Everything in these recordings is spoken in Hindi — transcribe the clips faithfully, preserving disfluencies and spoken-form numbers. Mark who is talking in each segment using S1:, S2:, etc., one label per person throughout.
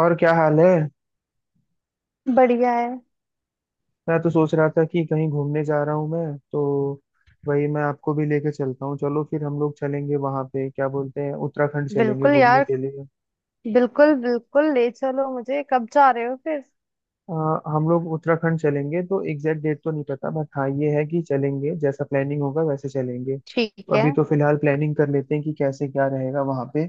S1: और क्या हाल है।
S2: बढ़िया है।
S1: मैं तो सोच रहा था कि कहीं घूमने जा रहा हूँ मैं तो वही मैं आपको भी लेके चलता हूँ। चलो फिर हम लोग चलेंगे वहां पे, क्या बोलते हैं, उत्तराखंड चलेंगे
S2: बिल्कुल
S1: घूमने
S2: यार,
S1: के लिए।
S2: बिल्कुल बिल्कुल ले चलो, मुझे कब जा रहे हो फिर?
S1: अ, हम लोग उत्तराखंड चलेंगे तो एग्जैक्ट डेट तो नहीं पता, बट हाँ ये है कि चलेंगे, जैसा प्लानिंग होगा वैसे चलेंगे।
S2: ठीक
S1: तो
S2: है।
S1: अभी तो फिलहाल प्लानिंग कर लेते हैं कि कैसे क्या रहेगा वहां पे।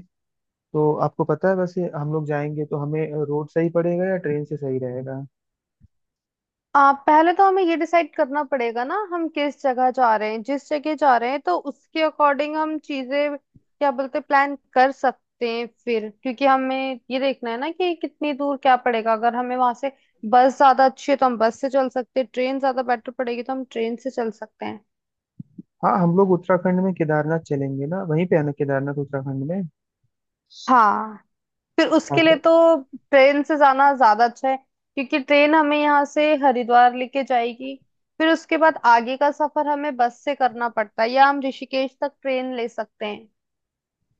S1: तो आपको पता है वैसे हम लोग जाएंगे तो हमें रोड सही पड़ेगा या ट्रेन से सही रहेगा।
S2: आप पहले तो हमें ये डिसाइड करना पड़ेगा ना हम किस जगह जा रहे हैं, जिस जगह जा रहे हैं तो उसके अकॉर्डिंग हम चीजें क्या बोलते प्लान कर सकते हैं फिर, क्योंकि हमें ये देखना है ना कि कितनी दूर क्या पड़ेगा। अगर हमें वहां से बस ज्यादा अच्छी है तो हम बस से चल सकते हैं, ट्रेन ज्यादा बेटर पड़ेगी तो हम ट्रेन से चल सकते हैं।
S1: हाँ, हम लोग उत्तराखंड में केदारनाथ चलेंगे ना। वहीं पे है ना केदारनाथ उत्तराखंड में।
S2: हाँ। फिर
S1: हाँ
S2: उसके लिए
S1: तो
S2: तो ट्रेन से जाना ज्यादा अच्छा है, क्योंकि ट्रेन हमें यहाँ से हरिद्वार लेके जाएगी। फिर उसके बाद आगे का सफर हमें बस से करना पड़ता है या हम ऋषिकेश तक ट्रेन ले सकते हैं।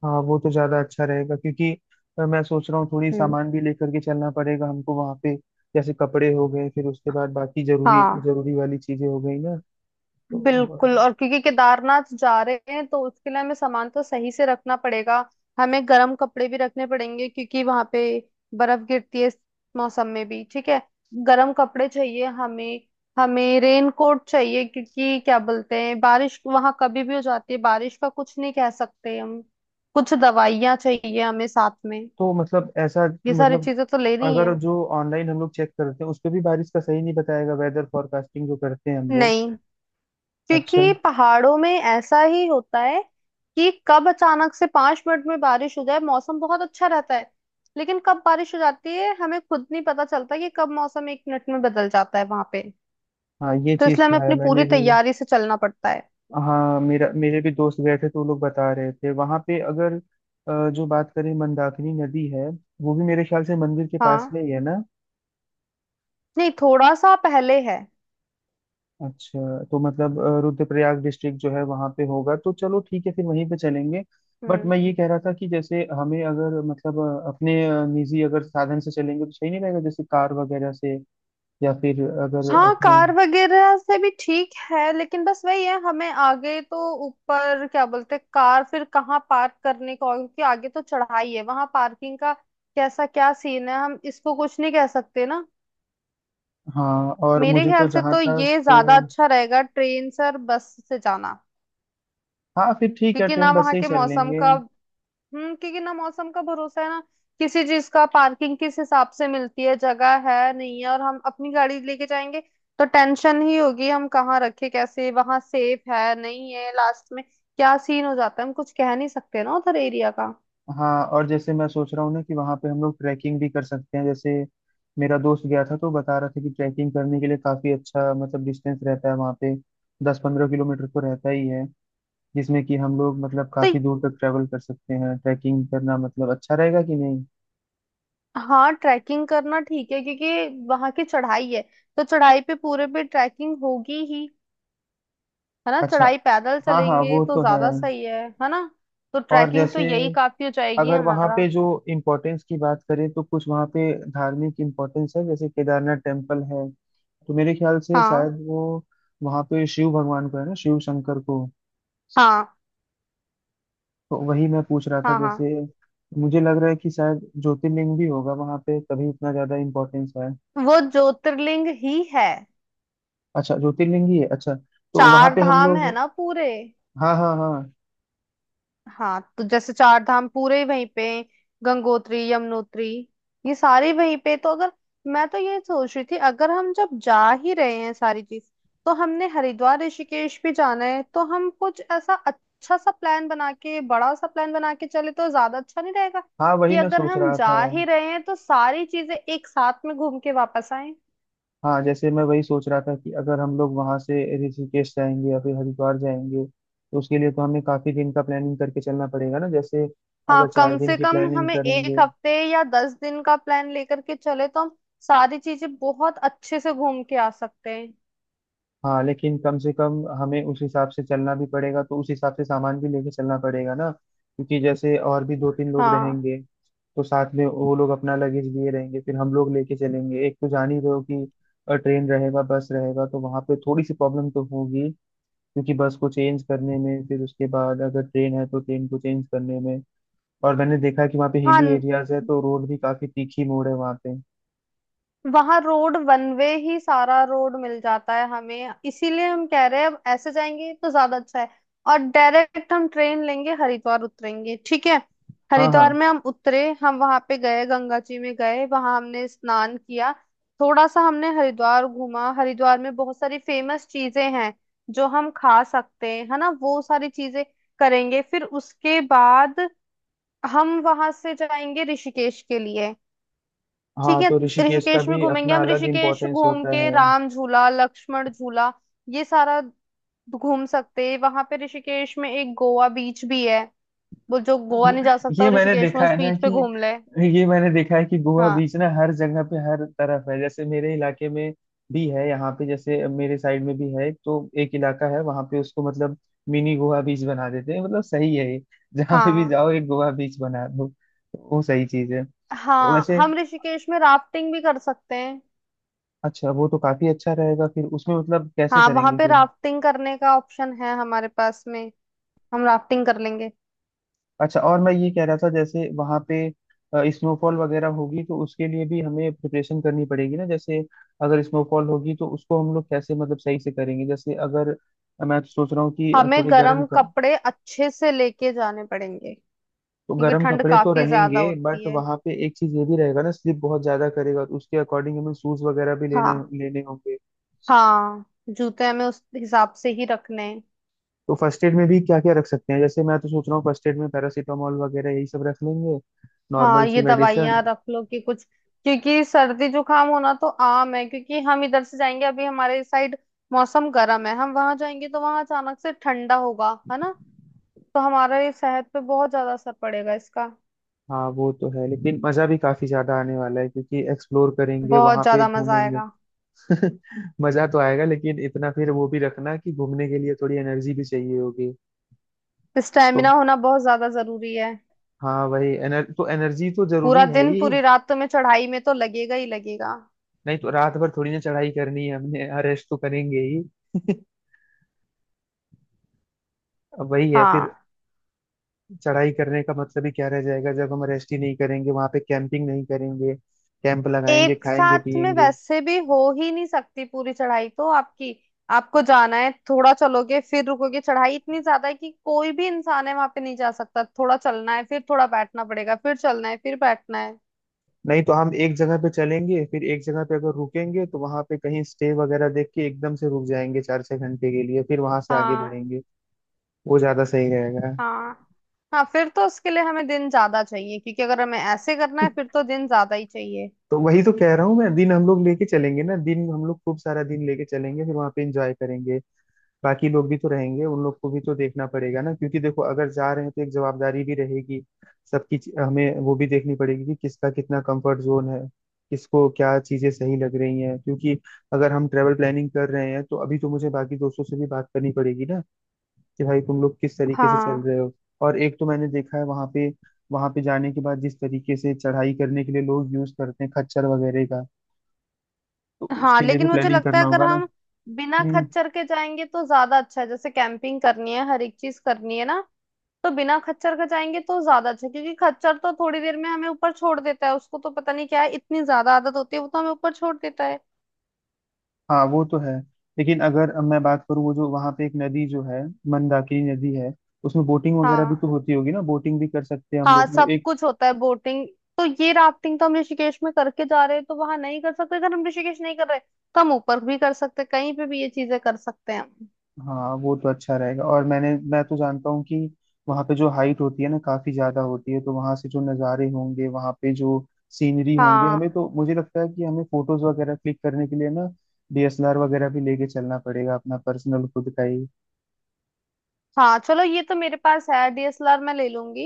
S1: हाँ, वो तो ज्यादा अच्छा रहेगा क्योंकि अ, मैं सोच रहा हूँ थोड़ी
S2: हम्म।
S1: सामान भी लेकर के चलना पड़ेगा हमको वहाँ पे। जैसे कपड़े हो गए, फिर उसके बाद बाकी जरूरी
S2: हाँ,
S1: जरूरी वाली चीजें हो गई ना। तो
S2: बिल्कुल, और क्योंकि केदारनाथ जा रहे हैं तो उसके लिए हमें सामान तो सही से रखना पड़ेगा। हमें गर्म कपड़े भी रखने पड़ेंगे क्योंकि वहां पे बर्फ गिरती है इस मौसम में भी। ठीक है, गर्म कपड़े चाहिए हमें। हमें रेन कोट चाहिए क्योंकि क्या बोलते हैं बारिश वहां कभी भी हो जाती है, बारिश का कुछ नहीं कह सकते हम। कुछ दवाइयाँ चाहिए हमें साथ में,
S1: तो मतलब, ऐसा
S2: ये सारी
S1: मतलब,
S2: चीजें तो लेनी है।
S1: अगर जो ऑनलाइन हम लोग चेक करते हैं उस पे भी बारिश का सही नहीं बताएगा वेदर फोरकास्टिंग जो करते हैं हम लोग।
S2: नहीं,
S1: अच्छा।
S2: क्योंकि पहाड़ों में ऐसा ही होता है कि कब अचानक से पांच मिनट में बारिश हो जाए। मौसम बहुत अच्छा रहता है लेकिन कब बारिश हो जाती है हमें खुद नहीं पता चलता, कि कब मौसम एक मिनट में बदल जाता है वहां पे।
S1: हाँ, ये
S2: तो
S1: चीज
S2: इसलिए
S1: तो
S2: हमें
S1: है।
S2: अपनी
S1: मैंने
S2: पूरी
S1: भी
S2: तैयारी से चलना पड़ता है।
S1: हाँ, मेरा मेरे भी दोस्त गए थे तो वो लोग बता रहे थे वहाँ पे। अगर अ, जो बात करें, मंदाकिनी नदी है वो भी मेरे ख्याल से मंदिर के पास में
S2: हाँ,
S1: ही है ना।
S2: नहीं थोड़ा सा पहले है।
S1: अच्छा, तो मतलब अ, रुद्रप्रयाग डिस्ट्रिक्ट जो है वहां पे होगा। तो चलो ठीक है, फिर वहीं पे चलेंगे। बट
S2: हम्म।
S1: मैं ये कह रहा था कि जैसे हमें अगर मतलब अ, अपने अ, निजी अगर साधन से चलेंगे तो सही नहीं रहेगा, जैसे कार वगैरह से, या फिर अगर
S2: हाँ
S1: अपने।
S2: कार वगैरह से भी ठीक है, लेकिन बस वही है हमें आगे तो ऊपर क्या बोलते हैं कार फिर कहाँ पार्क करने का, और क्योंकि आगे तो चढ़ाई है वहां पार्किंग का कैसा क्या सीन है हम इसको कुछ नहीं कह सकते ना।
S1: हाँ, और
S2: मेरे
S1: मुझे तो
S2: ख्याल से
S1: जहाँ
S2: तो
S1: तक
S2: ये ज्यादा
S1: अ,
S2: अच्छा रहेगा ट्रेन से और बस से जाना,
S1: हाँ फिर ठीक है,
S2: क्योंकि ना
S1: ट्रेन बस
S2: वहाँ
S1: से ही
S2: के
S1: चल
S2: मौसम
S1: लेंगे।
S2: का। हम्म, क्योंकि ना मौसम का भरोसा है ना किसी चीज का। पार्किंग किस हिसाब से मिलती है, जगह है नहीं है, और हम अपनी गाड़ी लेके जाएंगे तो टेंशन ही होगी हम कहाँ रखे, कैसे, वहां सेफ है नहीं है, लास्ट में क्या सीन हो जाता है हम कुछ कह नहीं सकते ना उधर एरिया का।
S1: हाँ, और जैसे मैं सोच रहा हूँ ना कि वहाँ पे हम लोग ट्रैकिंग भी कर सकते हैं। जैसे मेरा दोस्त गया था तो बता रहा था कि ट्रैकिंग करने के लिए काफी अच्छा मतलब डिस्टेंस रहता है वहाँ पे। दस पंद्रह किलोमीटर तो रहता ही है, जिसमें कि हम लोग मतलब
S2: तो
S1: काफी दूर तक ट्रेवल कर सकते हैं। ट्रैकिंग करना मतलब अच्छा रहेगा कि नहीं।
S2: हाँ, ट्रैकिंग करना ठीक है क्योंकि वहां की चढ़ाई है तो चढ़ाई पे पूरे पे ट्रैकिंग होगी ही, है ना,
S1: अच्छा,
S2: चढ़ाई पैदल
S1: हाँ हाँ,
S2: चलेंगे
S1: वो
S2: तो
S1: तो है।
S2: ज्यादा सही है है ना। तो
S1: और
S2: ट्रैकिंग तो
S1: जैसे
S2: यही काफी हो जाएगी
S1: अगर वहाँ
S2: हमारा।
S1: पे जो इम्पोर्टेंस की बात करें तो कुछ वहाँ पे धार्मिक इम्पोर्टेंस है। जैसे केदारनाथ टेम्पल है, तो मेरे ख्याल से
S2: हाँ।
S1: शायद वो वहाँ पे शिव भगवान को है ना, शिव शंकर को।
S2: हाँ।
S1: तो वही मैं पूछ रहा था
S2: हाँ। हाँ,
S1: जैसे, मुझे लग रहा है कि शायद ज्योतिर्लिंग भी होगा वहाँ पे तभी इतना ज्यादा इम्पोर्टेंस है।
S2: वो ज्योतिर्लिंग ही है।
S1: अच्छा, ज्योतिर्लिंग ही है, अच्छा। तो वहाँ
S2: चार
S1: पे हम
S2: धाम है
S1: लोग
S2: ना पूरे।
S1: हाँ हाँ हाँ।
S2: हाँ तो जैसे चार धाम पूरे ही वहीं पे, गंगोत्री यमुनोत्री, ये सारे वहीं पे, तो अगर मैं तो ये सोच रही थी अगर हम जब जा ही रहे हैं सारी चीज, तो हमने हरिद्वार ऋषिकेश भी जाना है तो हम कुछ ऐसा अच्छा सा प्लान बना के, बड़ा सा प्लान बना के चले तो ज्यादा अच्छा नहीं रहेगा?
S1: हाँ, वही
S2: कि
S1: मैं
S2: अगर
S1: सोच
S2: हम
S1: रहा था।
S2: जा ही रहे हैं तो सारी चीजें एक साथ में घूम के वापस आए।
S1: हाँ, जैसे मैं वही सोच रहा था कि अगर हम लोग वहां से ऋषिकेश जाएंगे या फिर हरिद्वार जाएंगे तो उसके लिए तो हमें काफी दिन का प्लानिंग करके चलना पड़ेगा ना। जैसे अगर
S2: हाँ,
S1: चार
S2: कम
S1: दिन
S2: से
S1: की
S2: कम
S1: प्लानिंग
S2: हमें एक
S1: करेंगे।
S2: हफ्ते या दस दिन का प्लान लेकर के चले तो हम सारी चीजें बहुत अच्छे से घूम के आ सकते हैं।
S1: हाँ, लेकिन कम से कम हमें उस हिसाब से चलना भी पड़ेगा, तो उस हिसाब से सामान भी लेके चलना पड़ेगा ना क्योंकि जैसे और भी दो तीन लोग
S2: हाँ।
S1: रहेंगे। तो साथ में वो लोग अपना लगेज लिए रहेंगे, फिर हम लोग लेके चलेंगे। एक तो जान ही रहे हो कि ट्रेन रहेगा, बस रहेगा, तो वहां पे थोड़ी सी प्रॉब्लम तो होगी क्योंकि बस को चेंज करने में, फिर उसके बाद अगर ट्रेन है तो ट्रेन को चेंज करने में। और मैंने देखा है कि वहाँ पे
S2: हाँ,
S1: हिली एरियाज है, तो रोड भी काफी तीखी मोड़ है वहाँ पे।
S2: वहां रोड वन वे ही सारा रोड मिल जाता है हमें, इसीलिए हम कह रहे हैं अब ऐसे जाएंगे तो ज्यादा अच्छा है। और डायरेक्ट हम ट्रेन लेंगे, हरिद्वार उतरेंगे, ठीक है।
S1: हाँ हाँ
S2: हरिद्वार में हम उतरे, हम वहां पे गए, गंगा जी में गए, वहां हमने स्नान किया। थोड़ा सा हमने हरिद्वार घूमा, हरिद्वार में बहुत सारी फेमस चीजें हैं जो हम खा सकते हैं, है ना, वो सारी चीजें करेंगे। फिर उसके बाद हम वहां से जाएंगे ऋषिकेश के लिए। ठीक
S1: हाँ।
S2: है,
S1: तो ऋषिकेश का
S2: ऋषिकेश में
S1: भी
S2: घूमेंगे,
S1: अपना
S2: हम
S1: अलग
S2: ऋषिकेश
S1: इम्पोर्टेंस
S2: घूम
S1: होता
S2: के
S1: है।
S2: राम झूला, लक्ष्मण झूला, ये सारा घूम सकते हैं। वहां पे ऋषिकेश में एक गोवा बीच भी है, वो जो गोवा
S1: वो-
S2: नहीं जा सकता
S1: ये
S2: वो
S1: मैंने
S2: ऋषिकेश में
S1: देखा है
S2: उस
S1: ना
S2: बीच पे
S1: कि
S2: घूम ले।
S1: ये मैंने देखा है कि गोवा
S2: हाँ।
S1: बीच ना हर जगह पे हर तरफ है। जैसे मेरे इलाके में भी है, यहाँ पे जैसे मेरे साइड में भी है। तो एक इलाका है वहां पे, उसको मतलब मिनी गोवा बीच बना देते हैं। मतलब सही है ये। जहाँ पे भी
S2: हाँ।
S1: जाओ एक गोवा बीच बना दो, तो वो सही चीज है तो
S2: हाँ,
S1: वैसे।
S2: हम ऋषिकेश में राफ्टिंग भी कर सकते हैं।
S1: अच्छा, वो तो काफी अच्छा रहेगा। फिर उसमें मतलब कैसे
S2: हाँ वहां
S1: करेंगे
S2: पे
S1: फिर।
S2: राफ्टिंग करने का ऑप्शन है हमारे पास में, हम राफ्टिंग कर लेंगे।
S1: अच्छा, और मैं ये कह रहा था जैसे वहां पे स्नोफॉल वगैरह होगी तो उसके लिए भी हमें प्रिपरेशन करनी पड़ेगी ना। जैसे अगर स्नोफॉल होगी तो उसको हम लोग कैसे मतलब सही से करेंगे। जैसे अगर मैं तो सोच रहा हूँ कि अ,
S2: हमें
S1: थोड़ी गर्म
S2: गर्म
S1: कप,
S2: कपड़े अच्छे से लेके जाने पड़ेंगे
S1: तो
S2: क्योंकि
S1: गर्म
S2: ठंड
S1: कपड़े तो
S2: काफी ज्यादा
S1: रहेंगे
S2: होती
S1: बट
S2: है।
S1: वहां पे एक चीज ये भी रहेगा ना, स्लिप बहुत ज्यादा करेगा, तो उसके अकॉर्डिंग हमें शूज वगैरह भी
S2: हाँ।
S1: लेना लेने होंगे।
S2: हाँ, जूते हमें उस हिसाब से ही रखने हैं।
S1: तो फर्स्ट एड में भी क्या क्या रख सकते हैं। जैसे मैं तो सोच रहा हूँ फर्स्ट एड में पैरासीटामोल वगैरह यही सब रख लेंगे, नॉर्मल
S2: हाँ,
S1: सी
S2: ये
S1: मेडिसिन।
S2: दवाइयाँ रख लो कि कुछ, क्योंकि सर्दी जुकाम होना तो आम है, क्योंकि हम इधर से जाएंगे अभी हमारे साइड मौसम गर्म है, हम वहां जाएंगे तो वहां अचानक से ठंडा होगा, है ना, तो हमारा ये सेहत पे बहुत ज्यादा असर पड़ेगा इसका।
S1: हाँ, वो तो है लेकिन मजा भी काफी ज्यादा आने वाला है क्योंकि एक्सप्लोर करेंगे,
S2: बहुत
S1: वहां पे
S2: ज्यादा मजा
S1: घूमेंगे।
S2: आएगा।
S1: मजा तो आएगा लेकिन इतना फिर वो भी रखना कि घूमने के लिए थोड़ी एनर्जी भी चाहिए होगी। तो
S2: स्टेमिना होना बहुत ज्यादा जरूरी है।
S1: हाँ, वही एनर, तो एनर्जी तो
S2: पूरा
S1: जरूरी है
S2: दिन
S1: ही।
S2: पूरी रात तुम्हें चढ़ाई में तो लगेगा ही लगेगा।
S1: नहीं तो रात भर थोड़ी ना चढ़ाई करनी है हमने। हाँ, रेस्ट तो करेंगे ही। अब वही है फिर
S2: हाँ,
S1: चढ़ाई करने का मतलब ही क्या रह जाएगा जब हम रेस्ट ही नहीं करेंगे वहां पे, कैंपिंग नहीं करेंगे। कैंप लगाएंगे,
S2: एक
S1: खाएंगे,
S2: साथ में
S1: पिएंगे।
S2: वैसे भी हो ही नहीं सकती पूरी चढ़ाई तो आपकी, आपको जाना है थोड़ा चलोगे फिर रुकोगे, चढ़ाई इतनी ज्यादा है कि कोई भी इंसान है वहां पे नहीं जा सकता, थोड़ा चलना है फिर थोड़ा बैठना पड़ेगा, फिर चलना है फिर बैठना है।
S1: नहीं तो हम एक जगह पे चलेंगे, फिर एक जगह पे अगर रुकेंगे तो वहां पे कहीं स्टे वगैरह देख के एकदम से रुक जाएंगे चार छह घंटे के लिए, फिर वहां से आगे
S2: हाँ।
S1: बढ़ेंगे। वो ज्यादा सही रहेगा।
S2: हाँ। हाँ फिर तो उसके लिए हमें दिन ज्यादा चाहिए, क्योंकि अगर हमें ऐसे करना है फिर तो दिन ज्यादा ही चाहिए।
S1: तो वही तो कह रहा हूँ मैं, दिन हम लोग लेके चलेंगे ना, दिन हम लोग खूब सारा दिन लेके चलेंगे, फिर वहां पे एंजॉय करेंगे। बाकी लोग भी तो रहेंगे, उन लोग को भी तो देखना पड़ेगा ना क्योंकि देखो, अगर जा रहे हैं तो एक जवाबदारी भी रहेगी। सबकी चीज- हमें वो भी देखनी पड़ेगी कि किसका कितना कंफर्ट जोन है, किसको क्या चीजें सही लग रही हैं क्योंकि अगर हम ट्रेवल प्लानिंग कर रहे हैं तो अभी तो मुझे बाकी दोस्तों से भी बात करनी पड़ेगी ना कि भाई तुम लोग किस तरीके से चल
S2: हाँ।
S1: रहे हो। और एक तो मैंने देखा है वहां पे, वहां पे जाने के बाद जिस तरीके से चढ़ाई करने के लिए लोग यूज करते हैं खच्चर वगैरह का, तो
S2: हाँ
S1: उसके लिए भी
S2: लेकिन मुझे
S1: प्लानिंग
S2: लगता
S1: करना
S2: है अगर
S1: होगा ना।
S2: हम बिना
S1: हम्म।
S2: खच्चर के जाएंगे तो ज्यादा अच्छा है, जैसे कैंपिंग करनी है, हर एक चीज करनी है ना। तो बिना खच्चर का जाएंगे तो ज्यादा अच्छा, क्योंकि खच्चर तो थोड़ी देर में हमें ऊपर छोड़ देता है, उसको तो पता नहीं क्या है, इतनी ज्यादा आदत होती है, वो तो हमें ऊपर छोड़ देता है।
S1: हाँ वो तो है, लेकिन अगर मैं बात करूँ, वो जो वहाँ पे एक नदी जो है, मंदाकिनी नदी है, उसमें बोटिंग वगैरह भी
S2: हाँ।
S1: तो होती होगी ना। बोटिंग भी कर सकते हैं हम
S2: हाँ
S1: लोग वो
S2: सब
S1: एक।
S2: कुछ होता है, बोटिंग। तो ये राफ्टिंग तो हम ऋषिकेश में करके जा रहे हैं तो वहां नहीं कर सकते, अगर हम ऋषिकेश नहीं कर रहे तो हम ऊपर भी कर सकते हैं, कहीं पे भी ये चीजें कर सकते हैं हम।
S1: हाँ, वो तो अच्छा रहेगा। और मैंने मैं तो जानता हूँ कि वहाँ पे जो हाइट होती है ना काफी ज्यादा होती है, तो वहाँ से जो नज़ारे होंगे, वहाँ पे जो सीनरी होंगे, हमें
S2: हाँ।
S1: तो मुझे लगता है कि हमें फोटोज वगैरह क्लिक करने के लिए ना डी एस एल आर वगैरह भी लेके चलना पड़ेगा, अपना पर्सनल खुद का ही।
S2: हाँ, चलो ये तो मेरे पास है डी एस एल आर, मैं ले लूंगी।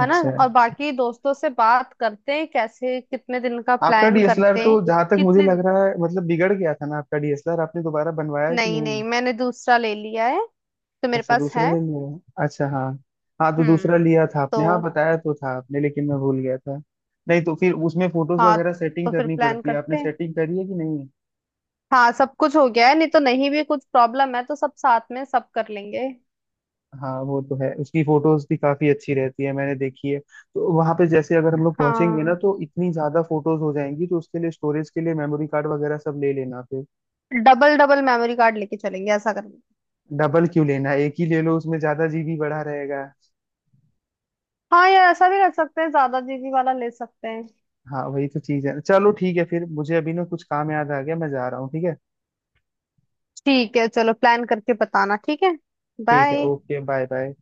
S2: है ना,
S1: अच्छा,
S2: और बाकी दोस्तों से बात करते हैं कैसे कितने दिन का
S1: आपका
S2: प्लान
S1: डीएसएलआर
S2: करते
S1: तो
S2: हैं।
S1: जहां तक मुझे
S2: कितने?
S1: लग रहा है मतलब बिगड़ गया था ना आपका डीएसएलआर, आपने दोबारा बनवाया कि
S2: नहीं
S1: नहीं।
S2: नहीं, मैंने दूसरा ले लिया है, तो मेरे
S1: अच्छा,
S2: पास
S1: दूसरा
S2: है।
S1: ले लिया, अच्छा। हाँ हाँ, तो
S2: हम्म।
S1: दूसरा लिया था
S2: तो
S1: आपने, हाँ बताया तो था आपने लेकिन मैं भूल गया था। नहीं तो फिर उसमें फोटोज
S2: हाँ,
S1: वगैरह सेटिंग
S2: तो फिर
S1: करनी
S2: प्लान
S1: पड़ती है, आपने
S2: करते हैं।
S1: सेटिंग करी है कि नहीं।
S2: हाँ सब कुछ हो गया है, नहीं तो नहीं, भी कुछ प्रॉब्लम है तो सब साथ में सब कर लेंगे।
S1: हाँ, वो तो है, उसकी फोटोज भी काफी अच्छी रहती है, मैंने देखी है। तो वहां पे जैसे अगर हम लोग पहुंचेंगे ना
S2: हाँ,
S1: तो इतनी ज्यादा फोटोज हो जाएंगी, तो उसके लिए स्टोरेज के लिए मेमोरी कार्ड वगैरह सब ले लेना फिर।
S2: डबल डबल मेमोरी कार्ड लेके चलेंगे, ऐसा करेंगे।
S1: डबल क्यों लेना, एक ही ले लो, उसमें ज्यादा जी बी बढ़ा रहेगा।
S2: हाँ यार, ऐसा भी कर सकते हैं, ज्यादा जी बी वाला ले सकते हैं।
S1: हाँ, वही तो चीज है। चलो ठीक है फिर, मुझे अभी ना कुछ काम याद आ गया, मैं जा रहा हूँ। ठीक है
S2: ठीक है चलो, प्लान करके बताना, ठीक है।
S1: ठीक है,
S2: बाय।
S1: Okay, bye bye.